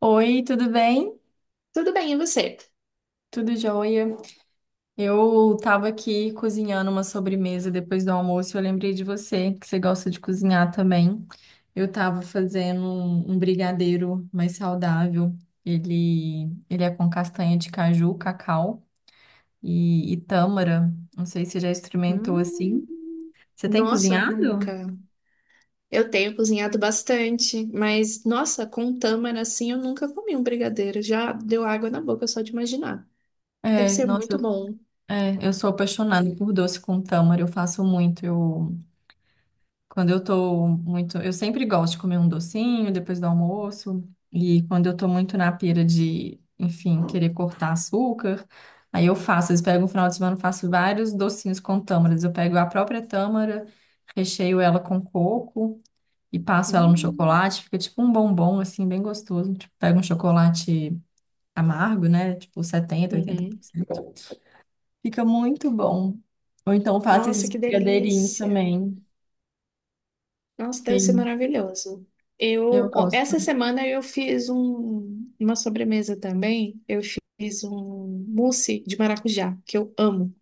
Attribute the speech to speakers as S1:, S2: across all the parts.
S1: Oi, tudo bem?
S2: Tudo bem, e você?
S1: Tudo jóia? Eu tava aqui cozinhando uma sobremesa depois do almoço. Eu lembrei de você, que você gosta de cozinhar também. Eu tava fazendo um brigadeiro mais saudável. Ele, ele é com castanha de caju, cacau e tâmara. Não sei se você já experimentou
S2: Hum.
S1: assim. Você tem
S2: Nossa,
S1: cozinhado?
S2: nunca. Eu tenho cozinhado bastante, mas nossa, com tâmara assim eu nunca comi um brigadeiro. Já deu água na boca só de imaginar. Deve
S1: É,
S2: ser
S1: nossa,
S2: muito bom.
S1: é, eu sou apaixonada por doce com tâmara. Eu faço muito. Eu Quando eu tô muito. Eu sempre gosto de comer um docinho depois do almoço. E quando eu tô muito na pira de, enfim, querer cortar açúcar, aí eu faço. Eles pegam um final de semana, eu faço vários docinhos com tâmaras. Eu pego a própria tâmara, recheio ela com coco e passo ela no
S2: Hum.
S1: chocolate. Fica tipo um bombom, assim, bem gostoso. Tipo, pego um chocolate amargo, né? Tipo setenta oitenta por
S2: Uhum.
S1: cento Fica muito bom. Ou então faço
S2: Nossa,
S1: esses
S2: que
S1: brigadeirinhos
S2: delícia!
S1: também.
S2: Nossa, deve ser
S1: Sim,
S2: maravilhoso.
S1: eu
S2: Eu, ó,
S1: gosto.
S2: essa semana eu fiz uma sobremesa também. Eu fiz um mousse de maracujá, que eu amo.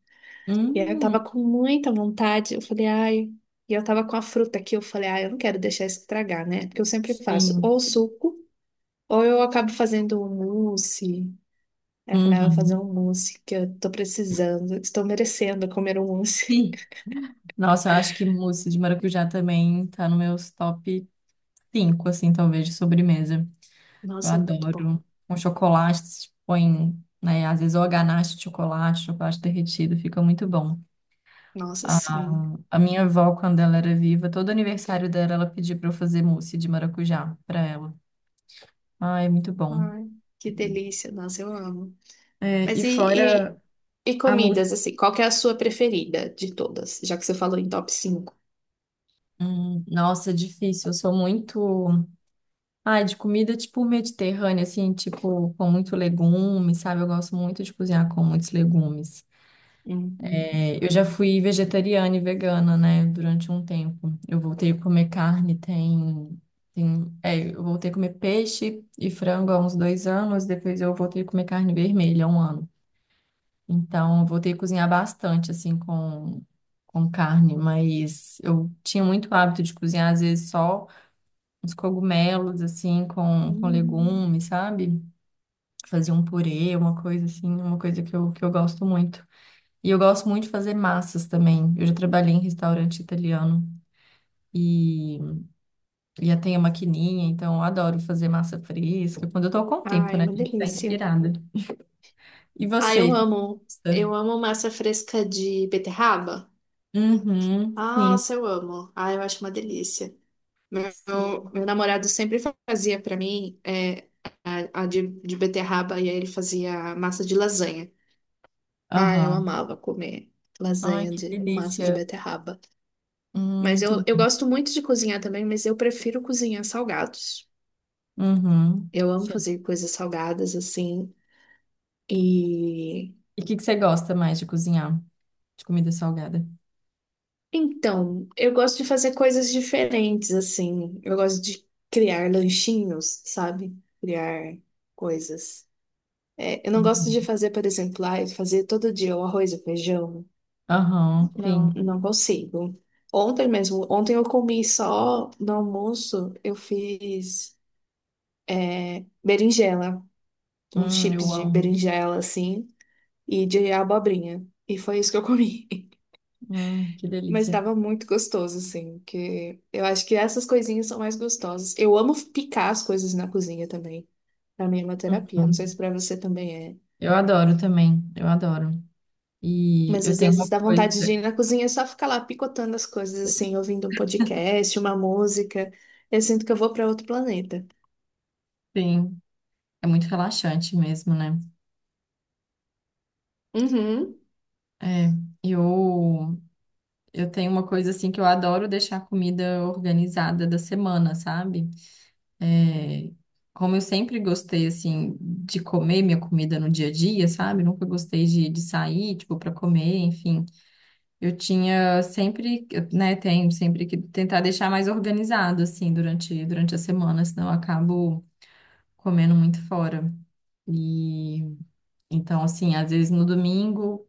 S2: E aí eu
S1: Hum,
S2: tava com muita vontade, eu falei, ai. E eu tava com a fruta aqui, eu falei, ai, eu não quero deixar isso estragar, né? Porque eu sempre faço
S1: sim.
S2: ou suco, ou eu acabo fazendo um mousse. Aí eu falei, ah, eu vou fazer
S1: Uhum.
S2: um mousse, que eu tô precisando, estou merecendo comer um mousse.
S1: Ih, nossa, eu acho que mousse de maracujá também tá no meus top 5 assim, talvez, de sobremesa. Eu
S2: Nossa, é muito bom.
S1: adoro. Com chocolate, se põe, né, às vezes ou a ganache de chocolate, chocolate derretido, fica muito bom.
S2: Nossa,
S1: A,
S2: sim.
S1: a minha avó, quando ela era viva, todo aniversário dela, ela pedia pra eu fazer mousse de maracujá pra ela. Ah, é muito bom.
S2: Ai, que delícia, nossa, eu amo.
S1: É,
S2: Mas
S1: e
S2: e,
S1: fora
S2: e, e
S1: a mousse.
S2: comidas, assim, qual que é a sua preferida de todas? Já que você falou em top cinco.
S1: Nossa, é difícil. Eu sou muito. Ai, de comida tipo mediterrânea, assim, tipo, com muito legume, sabe? Eu gosto muito de cozinhar com muitos legumes.
S2: Hum, hum,
S1: É, eu já fui vegetariana e vegana, né, durante um tempo. Eu voltei a comer carne, é, eu voltei a comer peixe e frango há uns 2 anos, depois eu voltei a comer carne vermelha há 1 ano. Então, eu voltei a cozinhar bastante, assim, com carne, mas eu tinha muito hábito de cozinhar, às vezes, só uns cogumelos, assim, com
S2: hum.
S1: legumes, sabe? Fazer um purê, uma coisa assim, uma coisa que eu gosto muito. E eu gosto muito de fazer massas também. Eu já trabalhei em restaurante italiano e e já tenho a maquininha, então eu adoro fazer massa fresca, quando eu tô com tempo,
S2: Ai, é
S1: né?
S2: uma
S1: Tem que estar
S2: delícia.
S1: inspirada. E
S2: Ah, eu
S1: você? Que
S2: amo.
S1: gosta?
S2: Eu amo massa fresca de beterraba.
S1: Uhum, sim,
S2: Nossa, eu amo. Ah, eu acho uma delícia. Meu,
S1: sim.
S2: meu namorado sempre fazia pra mim a de, beterraba e aí ele fazia massa de lasanha. Ah, eu
S1: Aham.
S2: amava comer
S1: Ai,
S2: lasanha
S1: que
S2: de, com massa de
S1: delícia.
S2: beterraba. Mas
S1: Muito
S2: eu
S1: bom.
S2: gosto muito de cozinhar também, mas eu prefiro cozinhar salgados.
S1: Uhum.
S2: Eu amo
S1: Sim.
S2: fazer coisas salgadas assim. E
S1: E o que que você gosta mais de cozinhar? De comida salgada?
S2: então, eu gosto de fazer coisas diferentes, assim. Eu gosto de criar lanchinhos, sabe? Criar coisas. É, eu não gosto
S1: Uhum.
S2: de fazer, por exemplo, ah, fazer todo dia o arroz e feijão.
S1: Aham,
S2: Não,
S1: sim.
S2: não consigo. Ontem mesmo, ontem eu comi só no almoço, eu fiz berinjela, uns chips
S1: Eu
S2: de
S1: amo.
S2: berinjela, assim, e de abobrinha. E foi isso que eu comi.
S1: Que
S2: Mas
S1: delícia.
S2: estava muito gostoso, assim, que eu acho que essas coisinhas são mais gostosas. Eu amo picar as coisas na cozinha também. Pra mim é uma terapia, não sei
S1: Uhum.
S2: se pra você também é.
S1: Eu adoro também, eu adoro. E
S2: Mas
S1: eu
S2: às
S1: tenho uma
S2: vezes dá
S1: coisa,
S2: vontade de ir na cozinha e só ficar lá picotando as coisas, assim, ouvindo um podcast, uma música. Eu sinto que eu vou pra outro planeta.
S1: sim, é muito relaxante mesmo, né?
S2: Uhum,
S1: É, eu, eu tenho uma coisa assim que eu adoro deixar a comida organizada da semana, sabe? É, como eu sempre gostei, assim, de comer minha comida no dia a dia, sabe? Nunca gostei de sair, tipo, para comer, enfim. Eu tinha sempre, né, tenho sempre que tentar deixar mais organizado, assim, durante a semana, senão eu acabo comendo muito fora. E então, assim, às vezes no domingo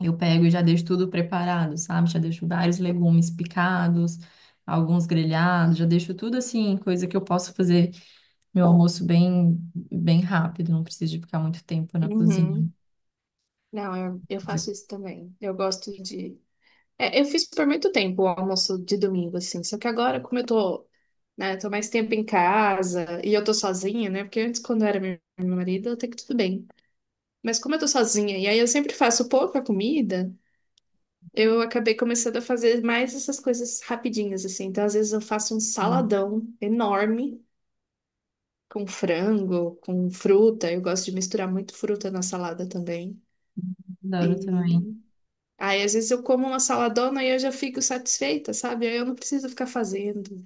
S1: eu pego e já deixo tudo preparado, sabe? Já deixo vários legumes picados, alguns grelhados, já deixo tudo assim, coisa que eu posso fazer meu almoço bem rápido, não preciso de ficar muito tempo na cozinha.
S2: uhum. Não, eu
S1: Mas
S2: faço
S1: eu-
S2: isso também. Eu gosto de é, eu fiz por muito tempo o almoço de domingo, assim. Só que agora, como eu tô, né, tô mais tempo em casa e eu tô sozinha, né? Porque antes, quando era meu marido, até que tudo bem. Mas como eu tô sozinha e aí eu sempre faço pouca comida, eu acabei começando a fazer mais essas coisas rapidinhas, assim. Então, às vezes eu faço um
S1: Sim,
S2: saladão enorme com frango, com fruta. Eu gosto de misturar muito fruta na salada também.
S1: adoro também.
S2: E aí, às vezes eu como uma saladona e eu já fico satisfeita, sabe? Aí eu não preciso ficar fazendo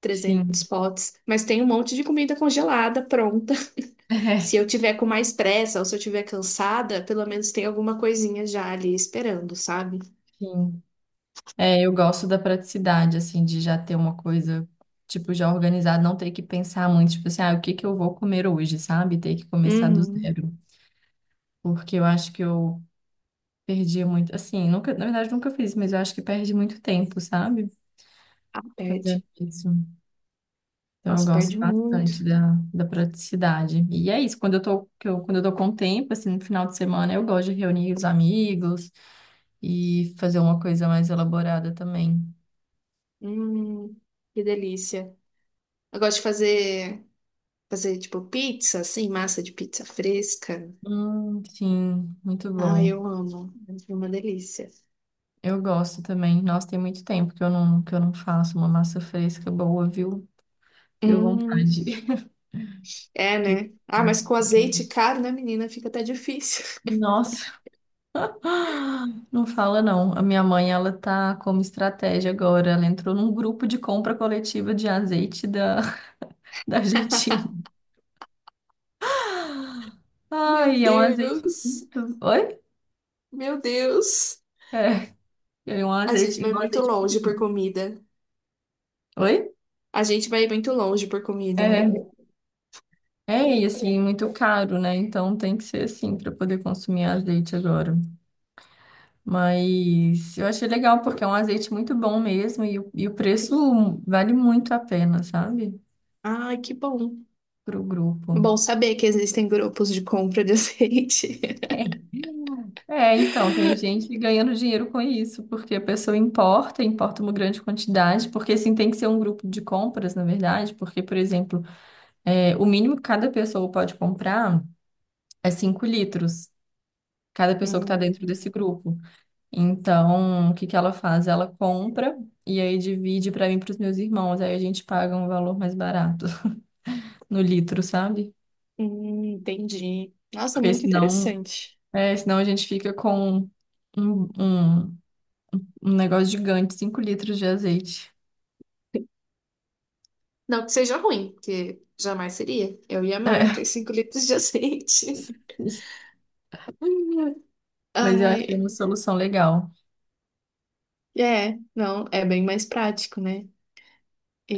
S2: trezentos
S1: Sim.
S2: potes, mas tem um monte de comida congelada pronta. Se eu
S1: É,
S2: tiver com mais pressa ou se eu tiver cansada, pelo menos tem alguma coisinha já ali esperando, sabe?
S1: sim. É, eu gosto da praticidade, assim, de já ter uma coisa, tipo, já organizada, não ter que pensar muito, tipo assim, ah, o que que eu vou comer hoje, sabe? Ter que começar do
S2: Uhum.
S1: zero. Porque eu acho que eu perdi muito, assim, nunca, na verdade, nunca fiz, mas eu acho que perde muito tempo, sabe?
S2: Ah, perde.
S1: Fazendo isso. Então eu
S2: Nossa,
S1: gosto
S2: perde
S1: bastante
S2: muito.
S1: da praticidade. E é isso, quando eu tô com tempo, assim, no final de semana, eu gosto de reunir os amigos e fazer uma coisa mais elaborada também.
S2: Hum, que delícia. Eu gosto de fazer tipo pizza, assim, massa de pizza fresca.
S1: Sim, muito
S2: Ah,
S1: bom.
S2: eu amo. É uma delícia.
S1: Eu gosto também. Nossa, tem muito tempo que eu não faço uma massa fresca boa, viu? Deu
S2: Hum,
S1: vontade.
S2: é,
S1: de-
S2: né? Ah, mas com azeite caro, né, menina? Fica até difícil.
S1: Nossa, não fala não. A minha mãe, ela tá como estratégia agora. Ela entrou num grupo de compra coletiva de azeite da Argentina.
S2: Meu
S1: Ai, é um azeite
S2: Deus.
S1: muito... Oi?
S2: Meu Deus.
S1: É,
S2: A gente
S1: é
S2: vai
S1: um
S2: muito
S1: azeite muito
S2: longe por
S1: bom.
S2: comida.
S1: Oi?
S2: A gente vai muito longe por comida, né?
S1: É, e assim, muito caro, né? Então tem que ser assim para poder consumir azeite agora. Mas eu achei legal porque é um azeite muito bom mesmo e o preço vale muito a pena, sabe?
S2: Ai, que bom.
S1: Pro grupo.
S2: Bom saber que existem grupos de compra de azeite.
S1: É, então, tem gente ganhando dinheiro com isso, porque a pessoa importa uma grande quantidade, porque assim tem que ser um grupo de compras, na verdade, porque, por exemplo, é, o mínimo que cada pessoa pode comprar é 5 litros, cada pessoa que está dentro
S2: Hum,
S1: desse grupo. Então, o que que ela faz? Ela compra e aí divide para mim e para os meus irmãos. Aí a gente paga um valor mais barato no litro, sabe?
S2: entendi. Nossa,
S1: Porque
S2: muito interessante.
S1: senão a gente fica com um, um, um negócio gigante, 5 litros de azeite.
S2: Não que seja ruim, porque jamais seria. Eu ia amar ter 5 litros de azeite.
S1: Mas eu achei
S2: Ai,
S1: uma solução legal.
S2: é, não, é bem mais prático, né?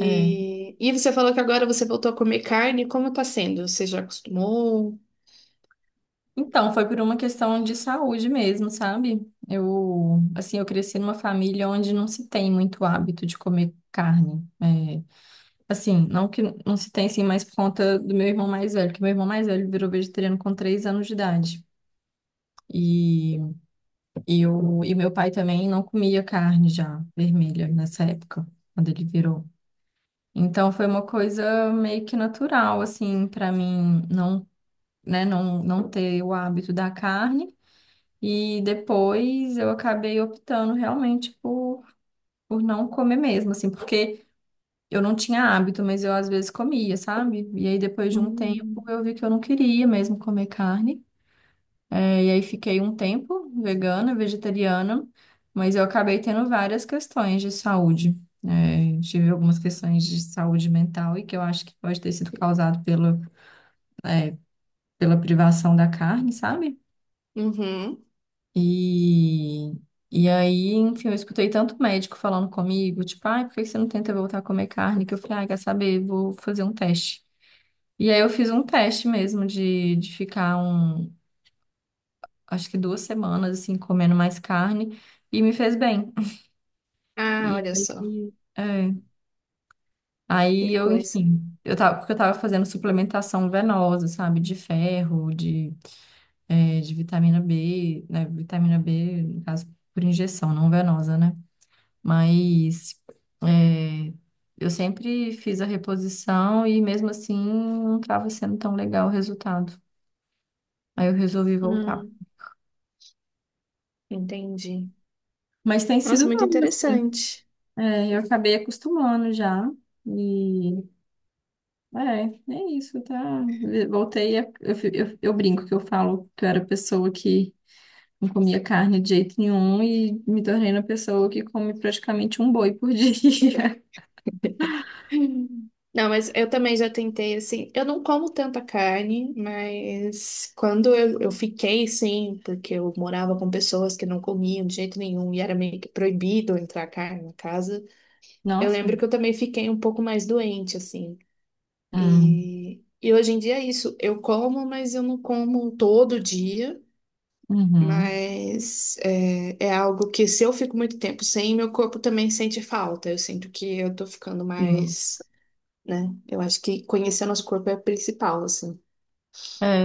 S1: É.
S2: e você falou que agora você voltou a comer carne, como tá sendo? Você já acostumou?
S1: Então, foi por uma questão de saúde mesmo, sabe? Eu, assim, eu cresci numa família onde não se tem muito hábito de comer carne. É, assim, não que não se tem assim mais por conta do meu irmão mais velho, que meu irmão mais velho virou vegetariano com 3 anos de idade. E, e meu pai também não comia carne já vermelha nessa época, quando ele virou. Então foi uma coisa meio que natural, assim, para mim né, não ter o hábito da carne. E depois eu acabei optando realmente por não comer mesmo, assim, porque. Eu não tinha hábito, mas eu às vezes comia, sabe? E aí depois de um tempo
S2: Hum.
S1: eu vi que eu não queria mesmo comer carne. É, e aí fiquei um tempo vegana, vegetariana, mas eu acabei tendo várias questões de saúde. É, tive algumas questões de saúde mental e que eu acho que pode ter sido causado é, pela privação da carne, sabe?
S2: Uhum.
S1: E, enfim, eu escutei tanto médico falando comigo, tipo, ai, por que que você não tenta voltar a comer carne? Que eu falei, ai, quer saber, vou fazer um teste. E aí eu fiz um teste mesmo de ficar um, acho que 2 semanas assim, comendo mais carne e me fez bem.
S2: Ah,
S1: E
S2: olha
S1: aí,
S2: só,
S1: é,
S2: que
S1: aí eu,
S2: coisa.
S1: enfim, eu tava, porque eu tava fazendo suplementação venosa, sabe, de ferro, de vitamina B, né, vitamina B, no caso, por injeção, não venosa, né? Mas é, eu sempre fiz a reposição e mesmo assim não tava sendo tão legal o resultado. Aí eu resolvi voltar.
S2: Hum, entendi.
S1: Mas tem
S2: Nossa,
S1: sido
S2: muito
S1: bom, assim.
S2: interessante.
S1: É, eu acabei acostumando já. E é isso, tá? Voltei a, eu, fi- eu brinco que eu falo que eu era pessoa que não comia carne de jeito nenhum e me tornei uma pessoa que come praticamente um boi por dia.
S2: Hum. Não, mas eu também já tentei, assim, eu não como tanta carne, mas quando eu fiquei, sim, porque eu morava com pessoas que não comiam de jeito nenhum e era meio que proibido entrar carne na casa, eu
S1: Nossa.
S2: lembro que eu também fiquei um pouco mais doente, assim.
S1: Hum,
S2: E hoje em dia é isso, eu como, mas eu não como todo dia.
S1: Uhum.
S2: Mas é algo que se eu fico muito tempo sem, meu corpo também sente falta. Eu sinto que eu tô ficando
S1: Sim.
S2: mais, né? Eu acho que conhecer nosso corpo é o principal, assim.
S1: É,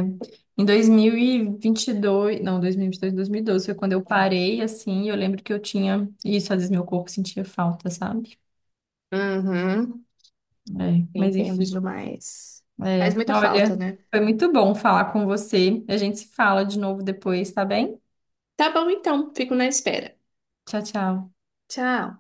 S1: em 2022, não, 2022, 2012 foi quando eu parei, assim, e eu lembro que eu tinha isso, às vezes meu corpo sentia falta, sabe?
S2: Uhum.
S1: É, mas
S2: Entendo
S1: enfim.
S2: demais. Faz
S1: É,
S2: muita falta,
S1: olha,
S2: né?
S1: foi muito bom falar com você. A gente se fala de novo depois, tá bem?
S2: Tá bom, então. Fico na espera.
S1: Tchau, tchau.
S2: Tchau.